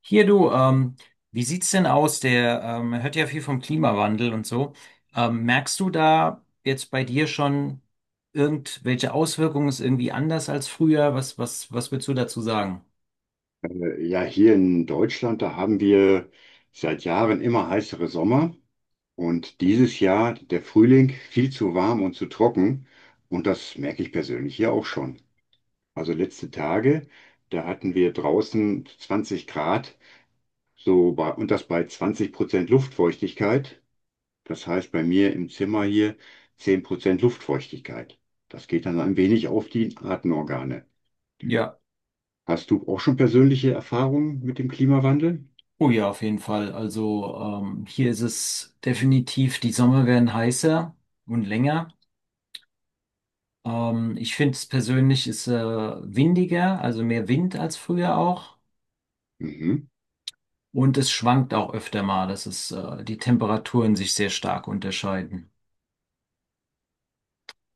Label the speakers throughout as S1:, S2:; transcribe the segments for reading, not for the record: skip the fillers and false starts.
S1: Hier du, wie sieht's denn aus? Der Man hört ja viel vom Klimawandel und so. Merkst du da jetzt bei dir schon irgendwelche Auswirkungen? Ist irgendwie anders als früher? Was würdest du dazu sagen?
S2: Ja, hier in Deutschland, da haben wir seit Jahren immer heißere Sommer, und dieses Jahr der Frühling viel zu warm und zu trocken, und das merke ich persönlich hier auch schon. Also letzte Tage, da hatten wir draußen 20 Grad, und das bei 20% Luftfeuchtigkeit. Das heißt bei mir im Zimmer hier 10% Luftfeuchtigkeit. Das geht dann ein wenig auf die Atemorgane.
S1: Ja,
S2: Hast du auch schon persönliche Erfahrungen mit dem Klimawandel?
S1: oh ja, auf jeden Fall. Also hier ist es definitiv, die Sommer werden heißer und länger. Ich finde es persönlich ist windiger, also mehr Wind als früher auch.
S2: Mhm.
S1: Und es schwankt auch öfter mal, dass es die Temperaturen sich sehr stark unterscheiden.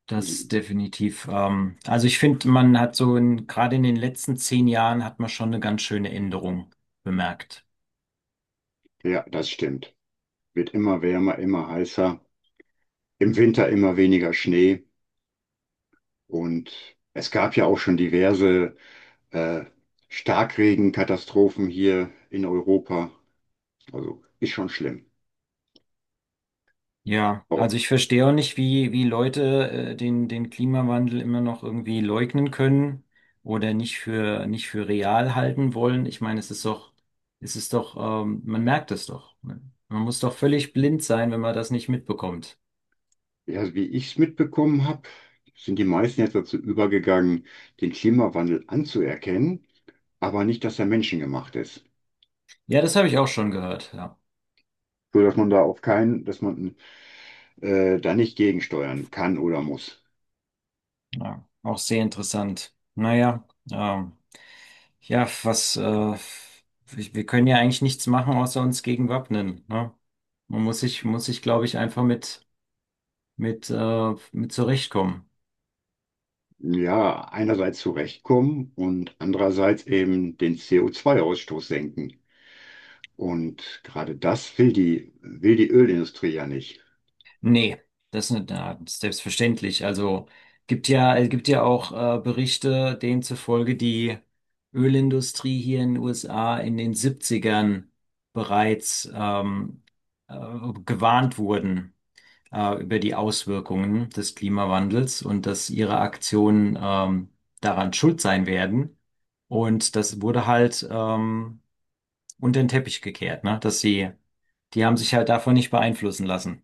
S1: Das definitiv. Also ich finde, man hat gerade in den letzten 10 Jahren hat man schon eine ganz schöne Änderung bemerkt.
S2: Ja, das stimmt. Wird immer wärmer, immer heißer, im Winter immer weniger Schnee. Und es gab ja auch schon diverse äh, Starkregenkatastrophen hier in Europa. Also ist schon schlimm.
S1: Ja,
S2: Aber
S1: also ich verstehe auch nicht, wie Leute den Klimawandel immer noch irgendwie leugnen können oder nicht für real halten wollen. Ich meine, es ist doch, man merkt es doch, ne? Man muss doch völlig blind sein, wenn man das nicht mitbekommt.
S2: ja, wie ich es mitbekommen habe, sind die meisten jetzt dazu übergegangen, den Klimawandel anzuerkennen, aber nicht, dass er menschengemacht ist.
S1: Ja, das habe ich auch schon gehört. Ja,
S2: So dass man da auf keinen, dass man da nicht gegensteuern kann oder muss.
S1: ja, auch sehr interessant. Naja, ähm, ja, was, ich, wir können ja eigentlich nichts machen, außer uns gegen wappnen, ne? Muss sich, glaube ich, einfach mit zurechtkommen.
S2: Ja, einerseits zurechtkommen und andererseits eben den CO2-Ausstoß senken. Und gerade das will die Ölindustrie ja nicht.
S1: Nee, das ist nicht, na, selbstverständlich. Also, es gibt ja auch Berichte, denen zufolge die Ölindustrie hier in den USA in den Siebzigern bereits, äh, gewarnt wurden über die Auswirkungen des Klimawandels und dass ihre Aktionen daran schuld sein werden. Und das wurde halt unter den Teppich gekehrt, ne? Die haben sich halt davon nicht beeinflussen lassen.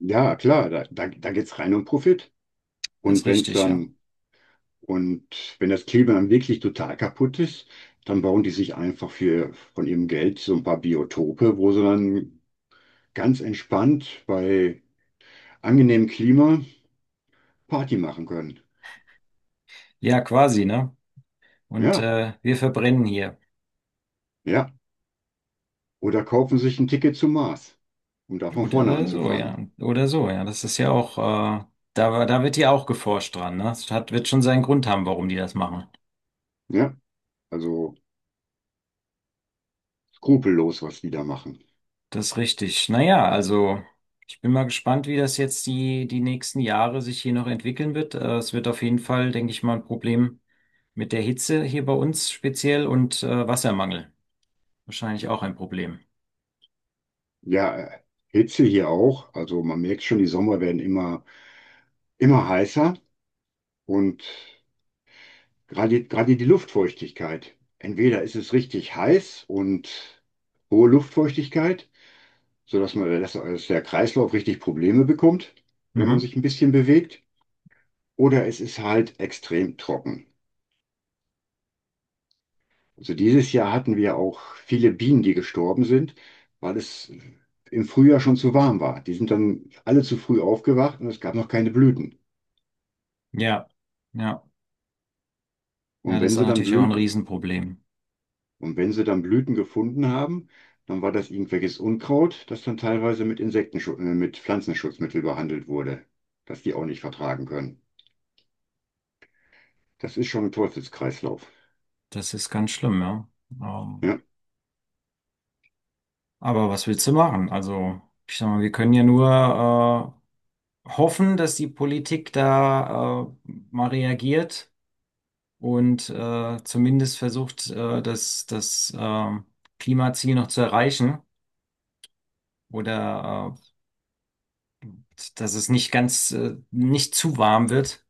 S2: Ja, klar, da geht es rein um Profit.
S1: Das ist
S2: Und wenn es
S1: richtig, ja.
S2: dann, und wenn das Klima dann wirklich total kaputt ist, dann bauen die sich einfach für, von ihrem Geld so ein paar Biotope, wo sie dann ganz entspannt bei angenehmem Klima Party machen können.
S1: Ja, quasi, ne? Und
S2: Ja,
S1: wir verbrennen hier.
S2: ja. Oder kaufen sich ein Ticket zum Mars, um da von vorne
S1: Oder so, ja.
S2: anzufangen.
S1: Oder so, ja. Das ist ja auch, da wird ja auch geforscht dran, ne? Wird schon seinen Grund haben, warum die das machen.
S2: Ja, also skrupellos, was die da machen.
S1: Das ist richtig. Naja, also ich bin mal gespannt, wie das jetzt die nächsten Jahre sich hier noch entwickeln wird. Es wird auf jeden Fall, denke ich mal, ein Problem mit der Hitze hier bei uns speziell und Wassermangel. Wahrscheinlich auch ein Problem.
S2: Ja, Hitze hier auch. Also man merkt schon, die Sommer werden immer heißer, und gerade, gerade die Luftfeuchtigkeit. Entweder ist es richtig heiß und hohe Luftfeuchtigkeit, sodass dass der Kreislauf richtig Probleme bekommt, wenn man
S1: Mhm.
S2: sich ein bisschen bewegt, oder es ist halt extrem trocken. Also dieses Jahr hatten wir auch viele Bienen, die gestorben sind, weil es im Frühjahr schon zu warm war. Die sind dann alle zu früh aufgewacht und es gab noch keine Blüten.
S1: Ja, ja, ja,
S2: Und
S1: das
S2: wenn
S1: ist
S2: sie dann
S1: natürlich auch ein
S2: Blüten,
S1: Riesenproblem.
S2: und wenn sie dann Blüten gefunden haben, dann war das irgendwelches Unkraut, das dann teilweise mit mit Pflanzenschutzmittel behandelt wurde, das die auch nicht vertragen können. Das ist schon ein Teufelskreislauf.
S1: Das ist ganz schlimm, ja. Ähm,
S2: Ja,
S1: aber was willst du machen? Also, ich sag mal, wir können ja nur hoffen, dass die Politik da mal reagiert und zumindest versucht, das Klimaziel noch zu erreichen oder dass es nicht ganz, nicht zu warm wird.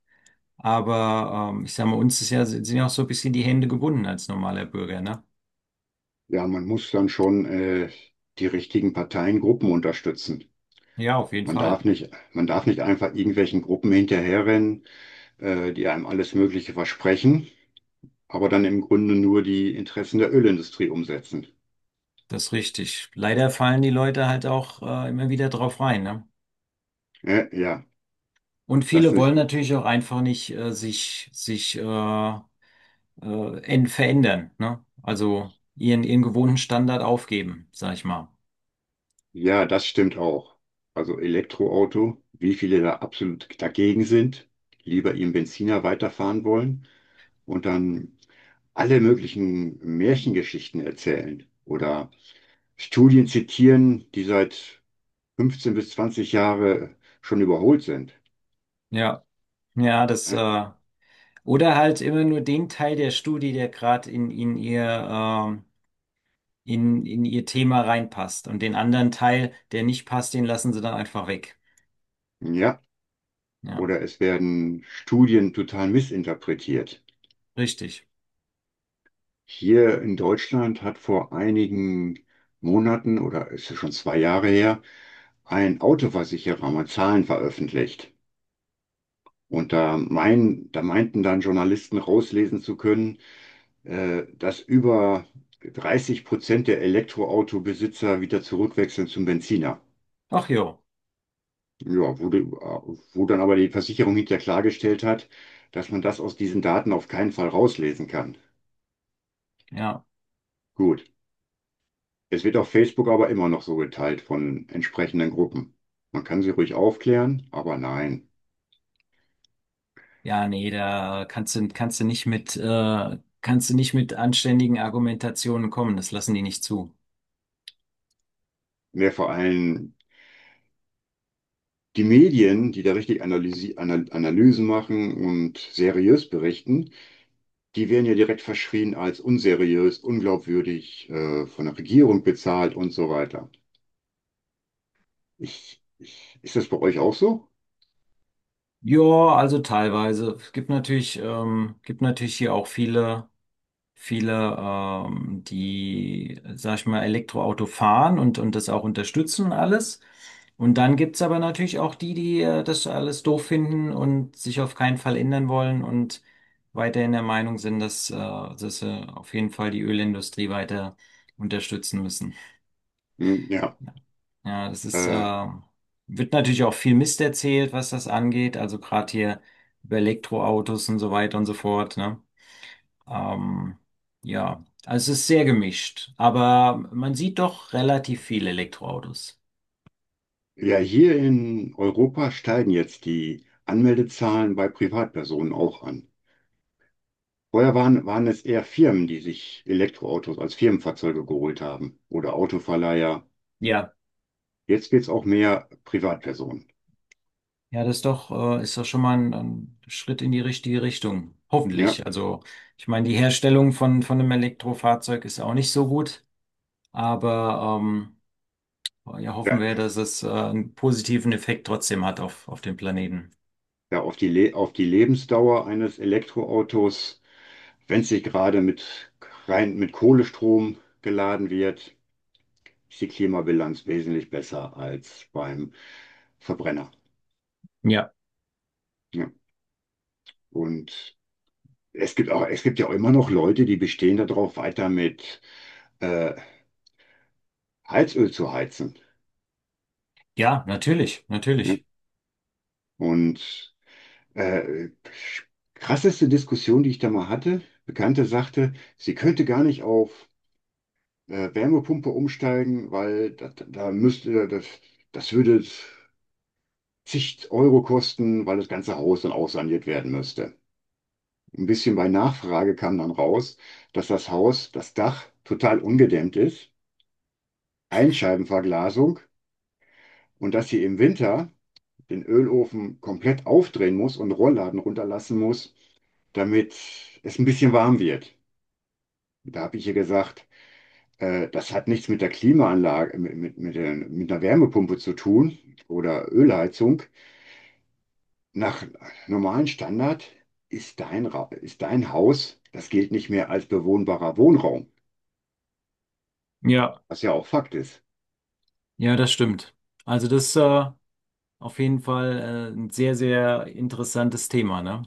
S1: Aber ich sag mal, sind ja auch so ein bisschen die Hände gebunden als normaler Bürger, ne?
S2: ja, man muss dann schon die richtigen Parteien, Gruppen unterstützen.
S1: Ja, auf jeden
S2: Man
S1: Fall.
S2: darf nicht, man darf nicht einfach irgendwelchen Gruppen hinterherrennen, die einem alles Mögliche versprechen, aber dann im Grunde nur die Interessen der Ölindustrie umsetzen.
S1: Das ist richtig. Leider fallen die Leute halt auch immer wieder drauf rein, ne?
S2: Ja, ja,
S1: Und
S2: das
S1: viele
S2: nicht,
S1: wollen natürlich auch einfach nicht verändern, ne? Also ihren gewohnten Standard aufgeben, sag ich mal.
S2: ja, das stimmt auch. Also Elektroauto, wie viele da absolut dagegen sind, lieber ihren Benziner weiterfahren wollen und dann alle möglichen Märchengeschichten erzählen oder Studien zitieren, die seit 15 bis 20 Jahre schon überholt sind.
S1: Ja, ja, das,
S2: Ein-
S1: äh, oder halt immer nur den Teil der Studie, der gerade in ihr Thema reinpasst. Und den anderen Teil, der nicht passt, den lassen sie dann einfach weg.
S2: Ja,
S1: Ja,
S2: oder es werden Studien total missinterpretiert.
S1: richtig.
S2: Hier in Deutschland hat vor einigen Monaten oder ist es schon zwei Jahre her, ein Autoversicherer mal Zahlen veröffentlicht. Und da meinten dann Journalisten rauslesen zu können, dass über 30% der Elektroautobesitzer wieder zurückwechseln zum Benziner.
S1: Ach jo,
S2: Ja, wo dann aber die Versicherung hinterher klargestellt hat, dass man das aus diesen Daten auf keinen Fall rauslesen kann.
S1: ja.
S2: Gut, es wird auf Facebook aber immer noch so geteilt von entsprechenden Gruppen. Man kann sie ruhig aufklären, aber nein.
S1: Ja, nee, kannst du nicht kannst du nicht mit anständigen Argumentationen kommen. Das lassen die nicht zu.
S2: Mehr vor allem die Medien, die da richtig Analysi Anal Analysen machen und seriös berichten, die werden ja direkt verschrien als unseriös, unglaubwürdig, von der Regierung bezahlt und so weiter. Ist das bei euch auch so?
S1: Ja, also teilweise. Es gibt natürlich hier auch viele. Viele, die, sag ich mal, Elektroauto fahren und das auch unterstützen und alles. Und dann gibt's aber natürlich auch die, die das alles doof finden und sich auf keinen Fall ändern wollen und weiterhin der Meinung sind, dass sie auf jeden Fall die Ölindustrie weiter unterstützen müssen.
S2: Hm, ja.
S1: Ja, ja,
S2: Äh,
S1: wird natürlich auch viel Mist erzählt, was das angeht. Also gerade hier über Elektroautos und so weiter und so fort, ne? Ähm, ja, also es ist sehr gemischt, aber man sieht doch relativ viele Elektroautos.
S2: Ja, hier in Europa steigen jetzt die Anmeldezahlen bei Privatpersonen auch an. Vorher waren es eher Firmen, die sich Elektroautos als Firmenfahrzeuge geholt haben oder Autoverleiher.
S1: Ja,
S2: Jetzt wird es auch mehr Privatpersonen.
S1: ja, ist doch schon mal ein Schritt in die richtige Richtung.
S2: Ja,
S1: Hoffentlich. Also, ich meine, die Herstellung von einem Elektrofahrzeug ist auch nicht so gut, aber ja, hoffen
S2: ja,
S1: wir, dass es einen positiven Effekt trotzdem hat auf den Planeten.
S2: ja auf die Le auf die Lebensdauer eines Elektroautos, wenn es sich rein mit Kohlestrom geladen wird, ist die Klimabilanz wesentlich besser als beim Verbrenner.
S1: Ja.
S2: Ja. Und es gibt auch, es gibt ja auch immer noch Leute, die bestehen darauf, weiter mit äh, Heizöl zu heizen.
S1: Ja, natürlich,
S2: Ne?
S1: natürlich.
S2: Und äh, krasseste Diskussion, die ich da mal hatte, Bekannte sagte, sie könnte gar nicht auf Wärmepumpe umsteigen, weil das würde zig Euro kosten, weil das ganze Haus dann aussaniert werden müsste. Ein bisschen bei Nachfrage kam dann raus, dass das Dach total ungedämmt ist, Einscheibenverglasung. Und dass sie im Winter den Ölofen komplett aufdrehen muss und Rollladen runterlassen muss, damit es ein bisschen warm wird. Da habe ich ihr gesagt, das hat nichts mit der Klimaanlage, mit einer Wärmepumpe zu tun oder Ölheizung. Nach normalem Standard ist dein Haus, das gilt nicht mehr als bewohnbarer Wohnraum,
S1: Ja,
S2: was ja auch Fakt ist.
S1: ja, das stimmt. Also das, äh, Auf jeden Fall ein sehr, sehr interessantes Thema, ne?